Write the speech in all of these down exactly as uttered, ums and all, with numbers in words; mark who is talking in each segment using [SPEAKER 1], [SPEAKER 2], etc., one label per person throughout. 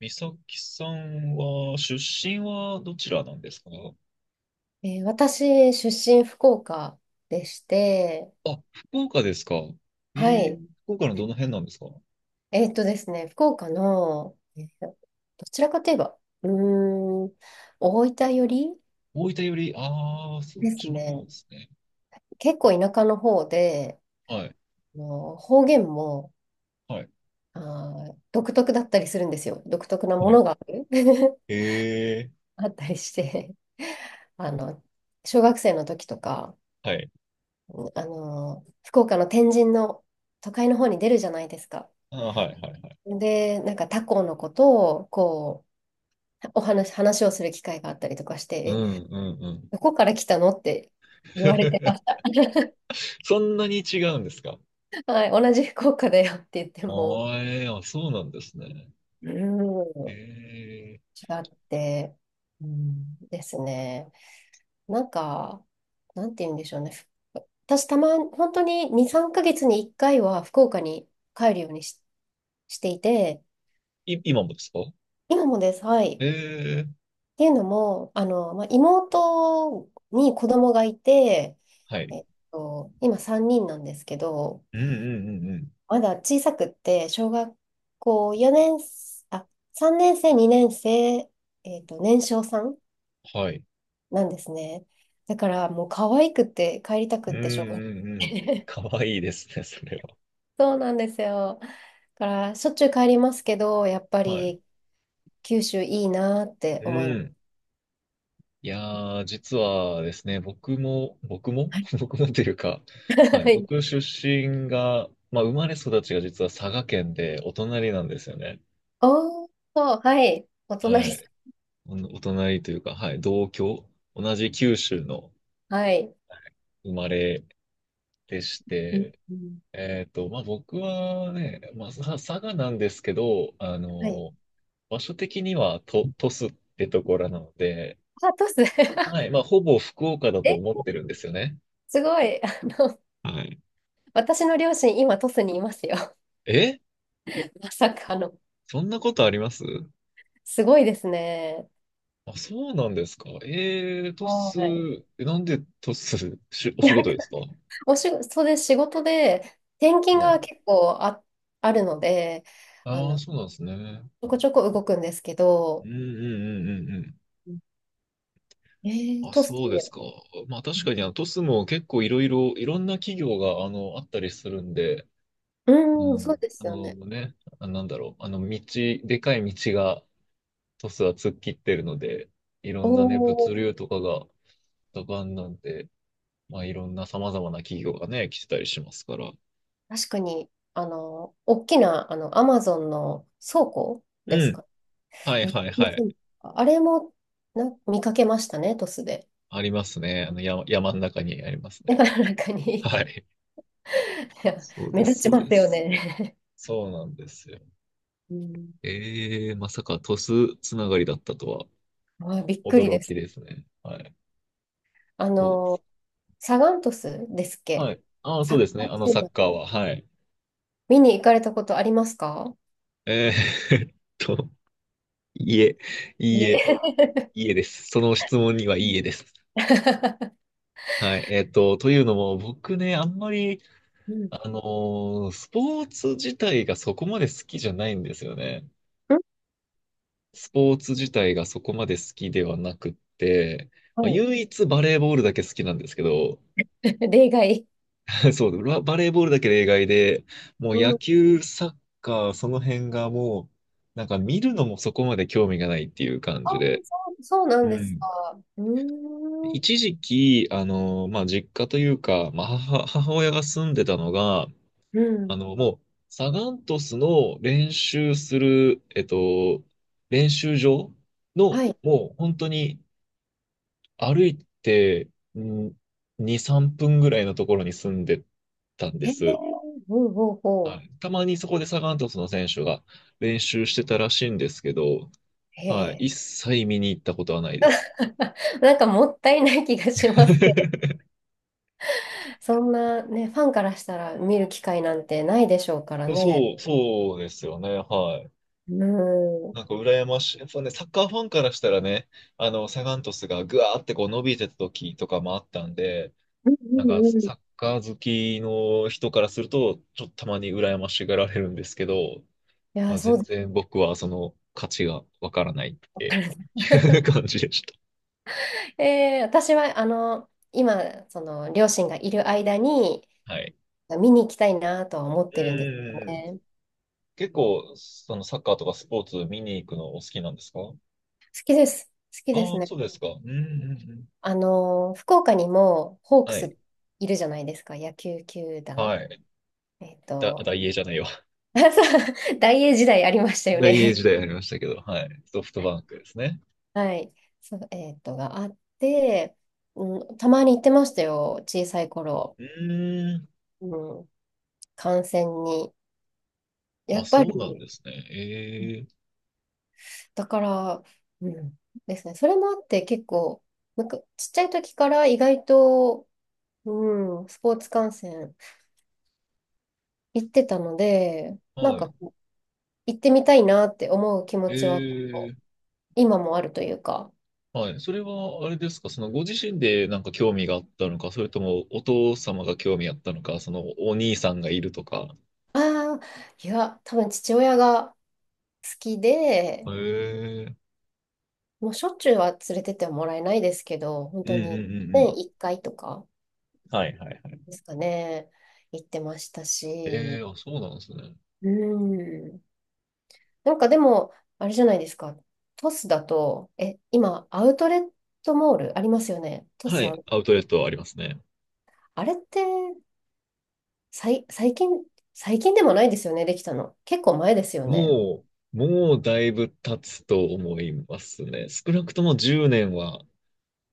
[SPEAKER 1] 美咲さんは、出身はどちらなんですか？
[SPEAKER 2] えー私、出身福岡でして、
[SPEAKER 1] あ、福岡ですか。え
[SPEAKER 2] は
[SPEAKER 1] え。
[SPEAKER 2] い。
[SPEAKER 1] 福岡のどの辺なんですか？
[SPEAKER 2] えーっとですね、福岡の、えーどちらかといえば、うーん、大分寄り
[SPEAKER 1] 大分より、ああ、そっ
[SPEAKER 2] です
[SPEAKER 1] ちの方
[SPEAKER 2] ね。
[SPEAKER 1] ですね。
[SPEAKER 2] 結構田舎の方で、
[SPEAKER 1] はい、
[SPEAKER 2] あの方言も、
[SPEAKER 1] はい、
[SPEAKER 2] あー、独特だったりするんですよ。独特な
[SPEAKER 1] は
[SPEAKER 2] も
[SPEAKER 1] い。
[SPEAKER 2] のがある
[SPEAKER 1] ええ。
[SPEAKER 2] あったりして。あの、小学生の時とか、
[SPEAKER 1] はい。
[SPEAKER 2] あの、福岡の天神の都会の方に出るじゃないですか。
[SPEAKER 1] あー、はい、はい、はい。
[SPEAKER 2] で、なんか他校のことを、こう、お話、話をする機会があったりとかし
[SPEAKER 1] う
[SPEAKER 2] て、
[SPEAKER 1] ん、うん、う
[SPEAKER 2] え
[SPEAKER 1] ん。
[SPEAKER 2] どこから来たのって言われてまし た。
[SPEAKER 1] そんなに違うんですか？
[SPEAKER 2] はい、同じ福岡だよって言っても、
[SPEAKER 1] ああ、ええあ、そうなんですね。
[SPEAKER 2] うーん、違
[SPEAKER 1] ええ。
[SPEAKER 2] って、うんですね。なんか、なんて言うんでしょうね。ふ私、たま、本当にに、さんかげつにいっかいは福岡に帰るようにし、していて、
[SPEAKER 1] い、今もですか？
[SPEAKER 2] 今もです。はい。
[SPEAKER 1] ええ。
[SPEAKER 2] っていうのも、あの、まあ、妹に子供がいて、
[SPEAKER 1] はい。
[SPEAKER 2] えっと、今さんにんなんですけど、
[SPEAKER 1] うん、うん、うん、うん。
[SPEAKER 2] まだ小さくって、小学校よねん、あ、さんねん生、にねん生、えっと、年少さん
[SPEAKER 1] はい。
[SPEAKER 2] なんですね。だからもう可愛くて帰りた
[SPEAKER 1] う
[SPEAKER 2] くっ
[SPEAKER 1] ん、う
[SPEAKER 2] てしょうが
[SPEAKER 1] ん、うん。
[SPEAKER 2] ない。
[SPEAKER 1] かわいいですね、それは。
[SPEAKER 2] そうなんですよ。だからしょっちゅう帰りますけど、やっぱ
[SPEAKER 1] はい。
[SPEAKER 2] り九州いいなって
[SPEAKER 1] う
[SPEAKER 2] 思います。
[SPEAKER 1] ん。いやー、実はですね、僕も、僕も 僕もというか、はい、
[SPEAKER 2] はい。
[SPEAKER 1] 僕出身が、まあ、生まれ育ちが実は佐賀県でお隣なんですよね。
[SPEAKER 2] おー、はい。お
[SPEAKER 1] は
[SPEAKER 2] 隣さ
[SPEAKER 1] い。お、お隣というか、はい、同郷、同じ九州の、
[SPEAKER 2] ん。はい。
[SPEAKER 1] はい、生まれでし
[SPEAKER 2] うん
[SPEAKER 1] て、
[SPEAKER 2] うん、
[SPEAKER 1] えっと、まあ、僕はね、まあ、さ佐賀なんですけど、あ
[SPEAKER 2] はい。
[SPEAKER 1] の、場所的にはと、鳥栖ってところなので、
[SPEAKER 2] あ、トス。
[SPEAKER 1] はい、まあ、ほぼ福岡だと思っ
[SPEAKER 2] え、
[SPEAKER 1] てるんですよね。
[SPEAKER 2] すごい。あの、
[SPEAKER 1] はい。
[SPEAKER 2] 私の両親、今、トスにいますよ。
[SPEAKER 1] え
[SPEAKER 2] まさかの。
[SPEAKER 1] そんなことあります？
[SPEAKER 2] すごいですね。
[SPEAKER 1] あ、そうなんですか。えー、トス。
[SPEAKER 2] はい。
[SPEAKER 1] えなんでトス、し、お仕
[SPEAKER 2] なん
[SPEAKER 1] 事
[SPEAKER 2] か、
[SPEAKER 1] ですか？
[SPEAKER 2] お仕事で仕事で、転勤
[SPEAKER 1] は
[SPEAKER 2] が
[SPEAKER 1] い。
[SPEAKER 2] 結構あ、あるので、あ
[SPEAKER 1] ああ、
[SPEAKER 2] の、
[SPEAKER 1] そうなんですね。
[SPEAKER 2] ちょこちょこ動くんですけ
[SPEAKER 1] う
[SPEAKER 2] ど、
[SPEAKER 1] んうんうんうんうん。
[SPEAKER 2] うんえー、
[SPEAKER 1] あ、
[SPEAKER 2] トスっ
[SPEAKER 1] そうです
[SPEAKER 2] て、
[SPEAKER 1] か。まあ確かにあのトスも結構いろいろ、いろんな企業があの、あったりするんで、う
[SPEAKER 2] うん、そう
[SPEAKER 1] ん。
[SPEAKER 2] で
[SPEAKER 1] あ
[SPEAKER 2] すよ
[SPEAKER 1] の
[SPEAKER 2] ね。
[SPEAKER 1] ね、あ、なんだろう、あの道、でかい道がトスは突っ切ってるので、いろ
[SPEAKER 2] お
[SPEAKER 1] んなね、物
[SPEAKER 2] お、
[SPEAKER 1] 流とかが盛んなんで、まあいろんな様々な企業がね、来てたりしますから。
[SPEAKER 2] 確かに、あの、大きな、あの、アマゾンの倉庫
[SPEAKER 1] う
[SPEAKER 2] です
[SPEAKER 1] ん。
[SPEAKER 2] かね。
[SPEAKER 1] はい
[SPEAKER 2] めっちゃ
[SPEAKER 1] はい
[SPEAKER 2] 見
[SPEAKER 1] は
[SPEAKER 2] せ
[SPEAKER 1] い。
[SPEAKER 2] るあれもな見かけましたね、トスで。
[SPEAKER 1] ありますね。あの山、山の中にあります
[SPEAKER 2] だ
[SPEAKER 1] ね。
[SPEAKER 2] から中に い
[SPEAKER 1] はい。
[SPEAKER 2] や
[SPEAKER 1] そうで
[SPEAKER 2] 目立
[SPEAKER 1] す、
[SPEAKER 2] ち
[SPEAKER 1] そう
[SPEAKER 2] ま
[SPEAKER 1] で
[SPEAKER 2] すよ
[SPEAKER 1] す。
[SPEAKER 2] ね。
[SPEAKER 1] そうなんですよ。
[SPEAKER 2] うん、
[SPEAKER 1] ええ。まさか鳥栖つながりだったとは。
[SPEAKER 2] あ、びっくり
[SPEAKER 1] 驚
[SPEAKER 2] で
[SPEAKER 1] き
[SPEAKER 2] す。
[SPEAKER 1] ですね。はい。
[SPEAKER 2] あ
[SPEAKER 1] そうです。
[SPEAKER 2] の、サガン鳥栖ですっ
[SPEAKER 1] は
[SPEAKER 2] け？
[SPEAKER 1] い。ああ、そ
[SPEAKER 2] サ
[SPEAKER 1] う
[SPEAKER 2] ッ
[SPEAKER 1] ですね。
[SPEAKER 2] カー
[SPEAKER 1] あの
[SPEAKER 2] チー
[SPEAKER 1] サッ
[SPEAKER 2] ム
[SPEAKER 1] カーは。はい。
[SPEAKER 2] 見に行かれたことありますか？
[SPEAKER 1] えー えっと、いいえ、いい
[SPEAKER 2] い
[SPEAKER 1] え、
[SPEAKER 2] え。
[SPEAKER 1] いいえです。その質問にはいいえです。はい。えっと、というのも、僕ね、あんまり、
[SPEAKER 2] うん。ん
[SPEAKER 1] あのースポーツ自体がそこまで好きじゃないんですよね。スポーツ自体がそこまで好きではなくって、ま
[SPEAKER 2] は
[SPEAKER 1] あ、
[SPEAKER 2] い。
[SPEAKER 1] 唯一バレーボールだけ好きなんですけど、
[SPEAKER 2] 例外。
[SPEAKER 1] そう、バ、バレーボールだけ例外で、もう
[SPEAKER 2] う
[SPEAKER 1] 野
[SPEAKER 2] ん。
[SPEAKER 1] 球、サッカー、その辺がもう、なんか見るのもそこまで興味がないっていう感
[SPEAKER 2] ああ、
[SPEAKER 1] じで、
[SPEAKER 2] そう、そうなん
[SPEAKER 1] う
[SPEAKER 2] です
[SPEAKER 1] ん。
[SPEAKER 2] か。うーん。
[SPEAKER 1] 一時期、あの、まあ、実家というか、まあ、母、母親が住んでたのが、
[SPEAKER 2] う
[SPEAKER 1] あ
[SPEAKER 2] ん。
[SPEAKER 1] の、もう、サガン鳥栖の練習する、えっと、練習場
[SPEAKER 2] は
[SPEAKER 1] の、
[SPEAKER 2] い。
[SPEAKER 1] もう本当に、歩いて、んに、さんぷんぐらいのところに住んでたんで
[SPEAKER 2] へえ。
[SPEAKER 1] す。
[SPEAKER 2] ほうほう
[SPEAKER 1] は
[SPEAKER 2] ほ
[SPEAKER 1] い。たまにそこでサガン鳥栖の選手が練習してたらしいんですけど、
[SPEAKER 2] う。へ
[SPEAKER 1] はい。
[SPEAKER 2] え。
[SPEAKER 1] 一切見に行ったことはないです。
[SPEAKER 2] なんかもったいない気がしますけど、そんなね、ファンからしたら見る機会なんてないでしょうからね。
[SPEAKER 1] そう、そうですよね。はい。
[SPEAKER 2] うん。うん
[SPEAKER 1] なんか羨ましい。やっぱね、サッカーファンからしたらね、あの、サガン鳥栖がぐわーってこう伸びてた時とかもあったんで、
[SPEAKER 2] うん
[SPEAKER 1] なんか
[SPEAKER 2] うん。い
[SPEAKER 1] サッカー好きの人からすると、ちょっとたまに羨ましがられるんですけど、
[SPEAKER 2] や、
[SPEAKER 1] あ、
[SPEAKER 2] そう
[SPEAKER 1] 全
[SPEAKER 2] です。
[SPEAKER 1] 然僕はその価値がわからないっ
[SPEAKER 2] わか
[SPEAKER 1] て
[SPEAKER 2] る
[SPEAKER 1] いう 感じでし
[SPEAKER 2] えー私は、あの、今、その、両親がいる間に、
[SPEAKER 1] た。はい。
[SPEAKER 2] 見に行きたいなとは思っ
[SPEAKER 1] う
[SPEAKER 2] て
[SPEAKER 1] ん
[SPEAKER 2] るんで
[SPEAKER 1] う
[SPEAKER 2] す
[SPEAKER 1] ん
[SPEAKER 2] よ
[SPEAKER 1] うんうん。
[SPEAKER 2] ね。
[SPEAKER 1] 結構、そのサッカーとかスポーツ見に行くのお好きなんですか？
[SPEAKER 2] 好きです。好き
[SPEAKER 1] あ
[SPEAKER 2] で
[SPEAKER 1] あ
[SPEAKER 2] す
[SPEAKER 1] ー、
[SPEAKER 2] ね。
[SPEAKER 1] そうですか。うんうんうん。
[SPEAKER 2] あの、福岡にも、ホーク
[SPEAKER 1] はい。
[SPEAKER 2] スいるじゃないですか、野球球団。
[SPEAKER 1] はい。
[SPEAKER 2] えっ
[SPEAKER 1] だ、
[SPEAKER 2] と、
[SPEAKER 1] 大英じゃないわ。
[SPEAKER 2] 大英時代ありましたよ
[SPEAKER 1] 大英
[SPEAKER 2] ね。
[SPEAKER 1] 時代ありましたけど、はい。ソフトバンクですね。
[SPEAKER 2] はい。そう、えーっと、があって、うん、たまに行ってましたよ、小さい頃。
[SPEAKER 1] うーん。
[SPEAKER 2] うん、観戦に。や
[SPEAKER 1] あ、
[SPEAKER 2] っぱ
[SPEAKER 1] そうなん
[SPEAKER 2] り、
[SPEAKER 1] ですね。ええ。
[SPEAKER 2] だから、うん、ですね。それもあって結構、なんかちっちゃい時から意外と、うん、スポーツ観戦行ってたので、なん
[SPEAKER 1] は
[SPEAKER 2] か
[SPEAKER 1] い。
[SPEAKER 2] こう行ってみたいなって思う気持ちは結構
[SPEAKER 1] ええ。
[SPEAKER 2] 今もあるというか、
[SPEAKER 1] はい。それは、あれですか、そのご自身でなんか興味があったのか、それともお父様が興味あったのか、そのお兄さんがいるとか。
[SPEAKER 2] ああ、いや、多分父親が好きで、
[SPEAKER 1] へえ。
[SPEAKER 2] もうしょっちゅうは連れてってはもらえないですけど、本
[SPEAKER 1] う
[SPEAKER 2] 当
[SPEAKER 1] んうん
[SPEAKER 2] に
[SPEAKER 1] うんうん。
[SPEAKER 2] 年いっかいとか
[SPEAKER 1] はいはいはい。
[SPEAKER 2] ですかね、行ってましたし、
[SPEAKER 1] ええ、あ、そうなんですね。
[SPEAKER 2] うん。なんかでも、あれじゃないですか、トスだと、え、今、アウトレットモールありますよね、ト
[SPEAKER 1] は
[SPEAKER 2] スあ、
[SPEAKER 1] い、アウトレットはありますね。
[SPEAKER 2] あれってさい、最近、最近でもないですよね、できたの。結構前ですよね。
[SPEAKER 1] もう、もうだいぶ経つと思いますね。少なくともじゅうねんは、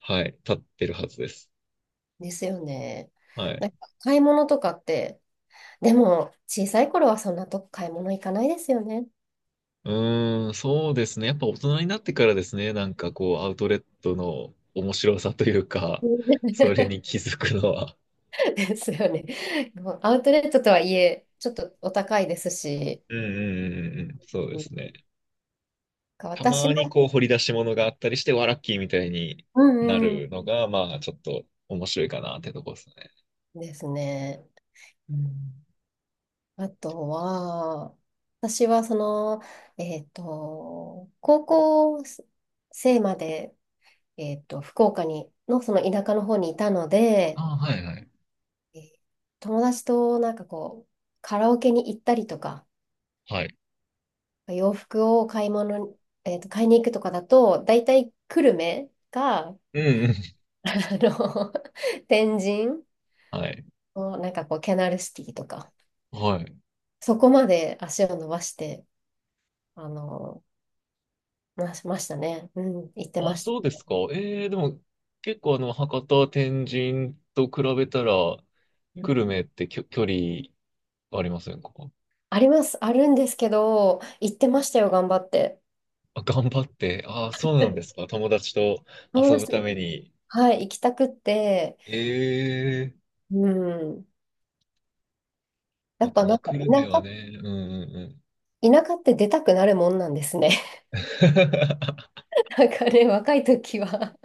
[SPEAKER 1] はい、経ってるはずです。
[SPEAKER 2] ですよね。
[SPEAKER 1] はい。
[SPEAKER 2] なんか買い物とかって、でも、小さい頃はそんなとこ買い物行かないですよね。
[SPEAKER 1] うーん、そうですね。やっぱ大人になってからですね、なんかこう、アウトレットの面白さというか、
[SPEAKER 2] う
[SPEAKER 1] それ
[SPEAKER 2] ん
[SPEAKER 1] に気づくのは。
[SPEAKER 2] ですよね。もうアウトレットとはいえ、ちょっとお高いですし、
[SPEAKER 1] うんうんうんうんうん、そうで
[SPEAKER 2] うん
[SPEAKER 1] すね。た
[SPEAKER 2] 私
[SPEAKER 1] ま
[SPEAKER 2] の、
[SPEAKER 1] にこう、掘り出し物があったりして、わラッキーみたいに
[SPEAKER 2] う
[SPEAKER 1] な
[SPEAKER 2] んう
[SPEAKER 1] るのが、まあ、ちょっと面白いかなってとこですね。
[SPEAKER 2] ん、ですね。うんあとは、私はその、えっと、高校生まで、えっと、福岡に、のその田舎の方にいたので、
[SPEAKER 1] ああ、はいはい。
[SPEAKER 2] えー友達となんかこう、カラオケに行ったりとか、
[SPEAKER 1] はい。
[SPEAKER 2] 洋服を買い物に、えっと、買いに行くとかだと、だいたい久留米が
[SPEAKER 1] うんうん。
[SPEAKER 2] あの、天神
[SPEAKER 1] はい。
[SPEAKER 2] をなんかこう、キャナルシティとか、
[SPEAKER 1] はい。
[SPEAKER 2] そこまで足を伸ばして、あの、ま、ましたね。うん、行って
[SPEAKER 1] あ、
[SPEAKER 2] ました。
[SPEAKER 1] そうですか。えー、でも、結構あの、博多、天神と比べたら、
[SPEAKER 2] う
[SPEAKER 1] 久
[SPEAKER 2] ん
[SPEAKER 1] 留米ってきょ距離ありませんか？
[SPEAKER 2] あります、あるんですけど、行ってましたよ、頑張って。
[SPEAKER 1] あ、頑張って。ああ、そうなんですか。友達と
[SPEAKER 2] ど
[SPEAKER 1] 遊
[SPEAKER 2] うし
[SPEAKER 1] ぶた
[SPEAKER 2] て、
[SPEAKER 1] めに。
[SPEAKER 2] はい、行きたくって、
[SPEAKER 1] ええ。
[SPEAKER 2] うん。や
[SPEAKER 1] そう
[SPEAKER 2] っ
[SPEAKER 1] か、
[SPEAKER 2] ぱ
[SPEAKER 1] ま
[SPEAKER 2] な
[SPEAKER 1] あ、
[SPEAKER 2] んか、
[SPEAKER 1] 久
[SPEAKER 2] 田
[SPEAKER 1] 留米は
[SPEAKER 2] 舎、
[SPEAKER 1] ね、うんうんうん。
[SPEAKER 2] 田舎って出たくなるもんなんですね。なんかね、若い時は。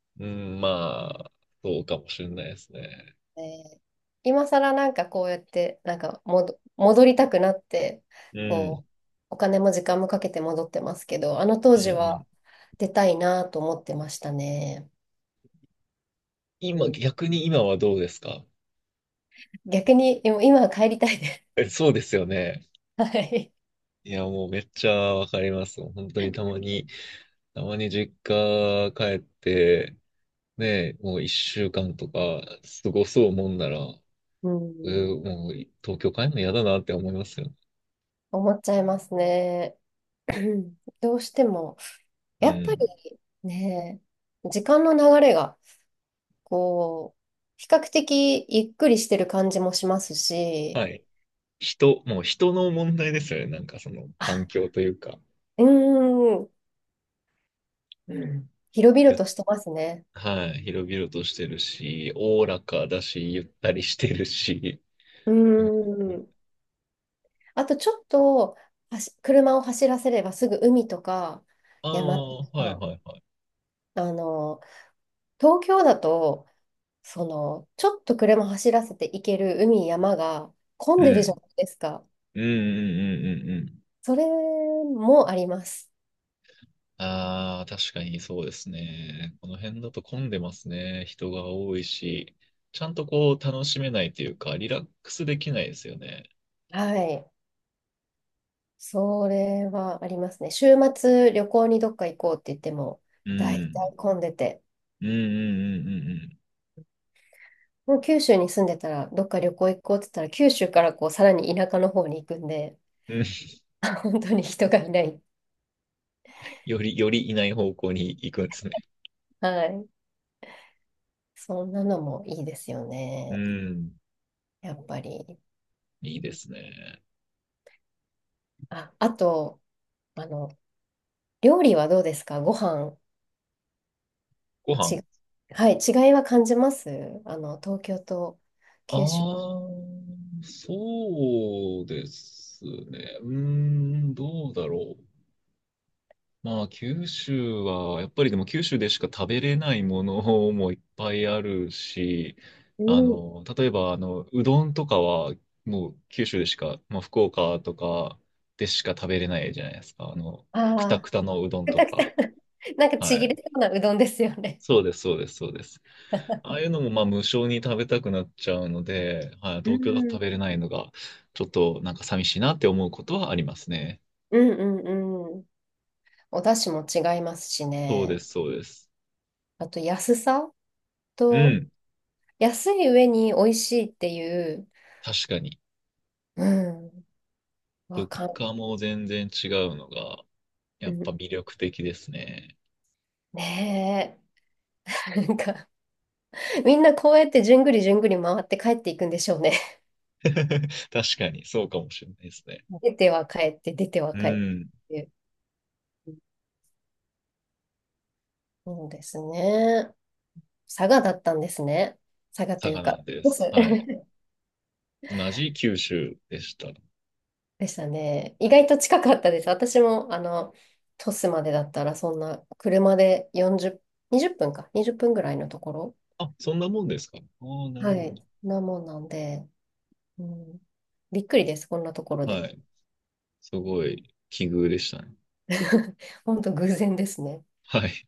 [SPEAKER 1] うん、まあ、そうかもしれないですね。
[SPEAKER 2] えー今更なんかこうやって、なんか戻戻りたくなって、
[SPEAKER 1] うん、うん
[SPEAKER 2] こう、お金も時間もかけて戻ってますけど、あの当
[SPEAKER 1] う
[SPEAKER 2] 時
[SPEAKER 1] ん。
[SPEAKER 2] は出たいなと思ってましたね。う
[SPEAKER 1] 今、
[SPEAKER 2] ん、
[SPEAKER 1] 逆に今はどうですか？
[SPEAKER 2] 逆に今今は帰りたいです。
[SPEAKER 1] え、そうですよね。
[SPEAKER 2] はい。
[SPEAKER 1] いや、もうめっちゃわかります。本当にたまに、たまに実家帰って、ね、もう一週間とか過ごそうもんなら、
[SPEAKER 2] う
[SPEAKER 1] え
[SPEAKER 2] ん、
[SPEAKER 1] ーもう東京帰るの嫌だなって思いますよね？
[SPEAKER 2] 思っちゃいますね。どうしても、
[SPEAKER 1] う
[SPEAKER 2] やっぱ
[SPEAKER 1] ん。
[SPEAKER 2] りね、時間の流れが、こう、比較的ゆっくりしてる感じもしますし、
[SPEAKER 1] はい。人、もう人の問題ですよね。なんかその環
[SPEAKER 2] あ、
[SPEAKER 1] 境というか、
[SPEAKER 2] うーん、うん。広々
[SPEAKER 1] ゆ
[SPEAKER 2] としてますね。
[SPEAKER 1] はい。広々としてるし、おおらかだし、ゆったりしてるし。
[SPEAKER 2] うー
[SPEAKER 1] うん。
[SPEAKER 2] ん。あとちょっとはし車を走らせればすぐ海とか
[SPEAKER 1] あ
[SPEAKER 2] 山
[SPEAKER 1] あ、
[SPEAKER 2] と
[SPEAKER 1] はい
[SPEAKER 2] か、
[SPEAKER 1] はいはい。
[SPEAKER 2] あの、東京だと、その、ちょっと車走らせて行ける海、山が混
[SPEAKER 1] う
[SPEAKER 2] んでるじゃ
[SPEAKER 1] ん。
[SPEAKER 2] ないですか。
[SPEAKER 1] うんうんうんうんうん。
[SPEAKER 2] それもあります。
[SPEAKER 1] ああ、確かにそうですね。この辺だと混んでますね。人が多いし、ちゃんとこう楽しめないというか、リラックスできないですよね。
[SPEAKER 2] はい。それはありますね。週末旅行にどっか行こうって言っても、
[SPEAKER 1] う
[SPEAKER 2] 大
[SPEAKER 1] ん。
[SPEAKER 2] 体混んでて。
[SPEAKER 1] うんうんうんうんうん。
[SPEAKER 2] もう九州に住んでたら、どっか旅行行こうって言ったら、九州からこう、さらに田舎の方に行くんで、
[SPEAKER 1] うん。
[SPEAKER 2] あ本当に人がいない。
[SPEAKER 1] より、よりいない方向に行くんですね。
[SPEAKER 2] はい。そんなのもいいですよ
[SPEAKER 1] う
[SPEAKER 2] ね。
[SPEAKER 1] ん。
[SPEAKER 2] やっぱり。
[SPEAKER 1] い
[SPEAKER 2] う
[SPEAKER 1] いで
[SPEAKER 2] ん
[SPEAKER 1] すね。
[SPEAKER 2] あ、あと、あの、料理はどうですか？ご飯、
[SPEAKER 1] ご飯。
[SPEAKER 2] ち、はい、違いは感じますあの、東京と
[SPEAKER 1] あ
[SPEAKER 2] 九州。
[SPEAKER 1] あ、そうですね。うーん、どうだろう。まあ、九州は、やっぱりでも九州でしか食べれないものもいっぱいあるし、
[SPEAKER 2] う
[SPEAKER 1] あ
[SPEAKER 2] ん。
[SPEAKER 1] の、例えば、あの、うどんとかは、もう九州でしか、まあ、福岡とかでしか食べれないじゃないですか。あの、くた
[SPEAKER 2] あ
[SPEAKER 1] く
[SPEAKER 2] あ、
[SPEAKER 1] たのうどん
[SPEAKER 2] く
[SPEAKER 1] と
[SPEAKER 2] たくた。
[SPEAKER 1] か。
[SPEAKER 2] なんかち
[SPEAKER 1] は
[SPEAKER 2] ぎれ
[SPEAKER 1] い。
[SPEAKER 2] そうなうどんですよね。
[SPEAKER 1] そうです、そうです、そうです。ああいうのもまあ無償に食べたくなっちゃうので、はい、
[SPEAKER 2] う
[SPEAKER 1] 東京だと
[SPEAKER 2] ん、
[SPEAKER 1] 食べれないのが、ちょっとなんか寂しいなって思うことはありますね。
[SPEAKER 2] うん、うん、うん。お出汁も違いますし
[SPEAKER 1] そうで
[SPEAKER 2] ね。
[SPEAKER 1] す、そうです。
[SPEAKER 2] あと安さ
[SPEAKER 1] う
[SPEAKER 2] と、
[SPEAKER 1] ん、
[SPEAKER 2] 安い上に美味しいっていう、
[SPEAKER 1] 確かに。
[SPEAKER 2] うん、わ
[SPEAKER 1] 物
[SPEAKER 2] かん、
[SPEAKER 1] 価も全然違うのが、
[SPEAKER 2] う
[SPEAKER 1] やっぱ
[SPEAKER 2] ん
[SPEAKER 1] 魅力的ですね。
[SPEAKER 2] ねえ。なんか、みんなこうやってじゅんぐりじゅんぐり回って帰っていくんでしょうね。
[SPEAKER 1] 確かに、そうかもしれないですね。
[SPEAKER 2] 出ては帰って、出ては
[SPEAKER 1] う
[SPEAKER 2] 帰ってっ
[SPEAKER 1] ん、
[SPEAKER 2] ていう。そうですね。佐賀だったんですね。佐賀と
[SPEAKER 1] 佐
[SPEAKER 2] いう
[SPEAKER 1] 賀な
[SPEAKER 2] か、
[SPEAKER 1] んで
[SPEAKER 2] 鳥
[SPEAKER 1] す。はい。
[SPEAKER 2] 栖
[SPEAKER 1] 同じ九州でした。
[SPEAKER 2] でしたね。意外と近かったです。私も、あの、鳥栖までだったら、そんな、車でよんじゅう、にじゅっぷんか、にじゅっぷんぐらいのところ。
[SPEAKER 1] あ、そんなもんですか。ああ、なる
[SPEAKER 2] は
[SPEAKER 1] ほど。
[SPEAKER 2] い。なもんなんで。うん、びっくりです、こんなところで。
[SPEAKER 1] はい。すごい、奇遇でしたね。
[SPEAKER 2] 本当偶然ですね。
[SPEAKER 1] はい。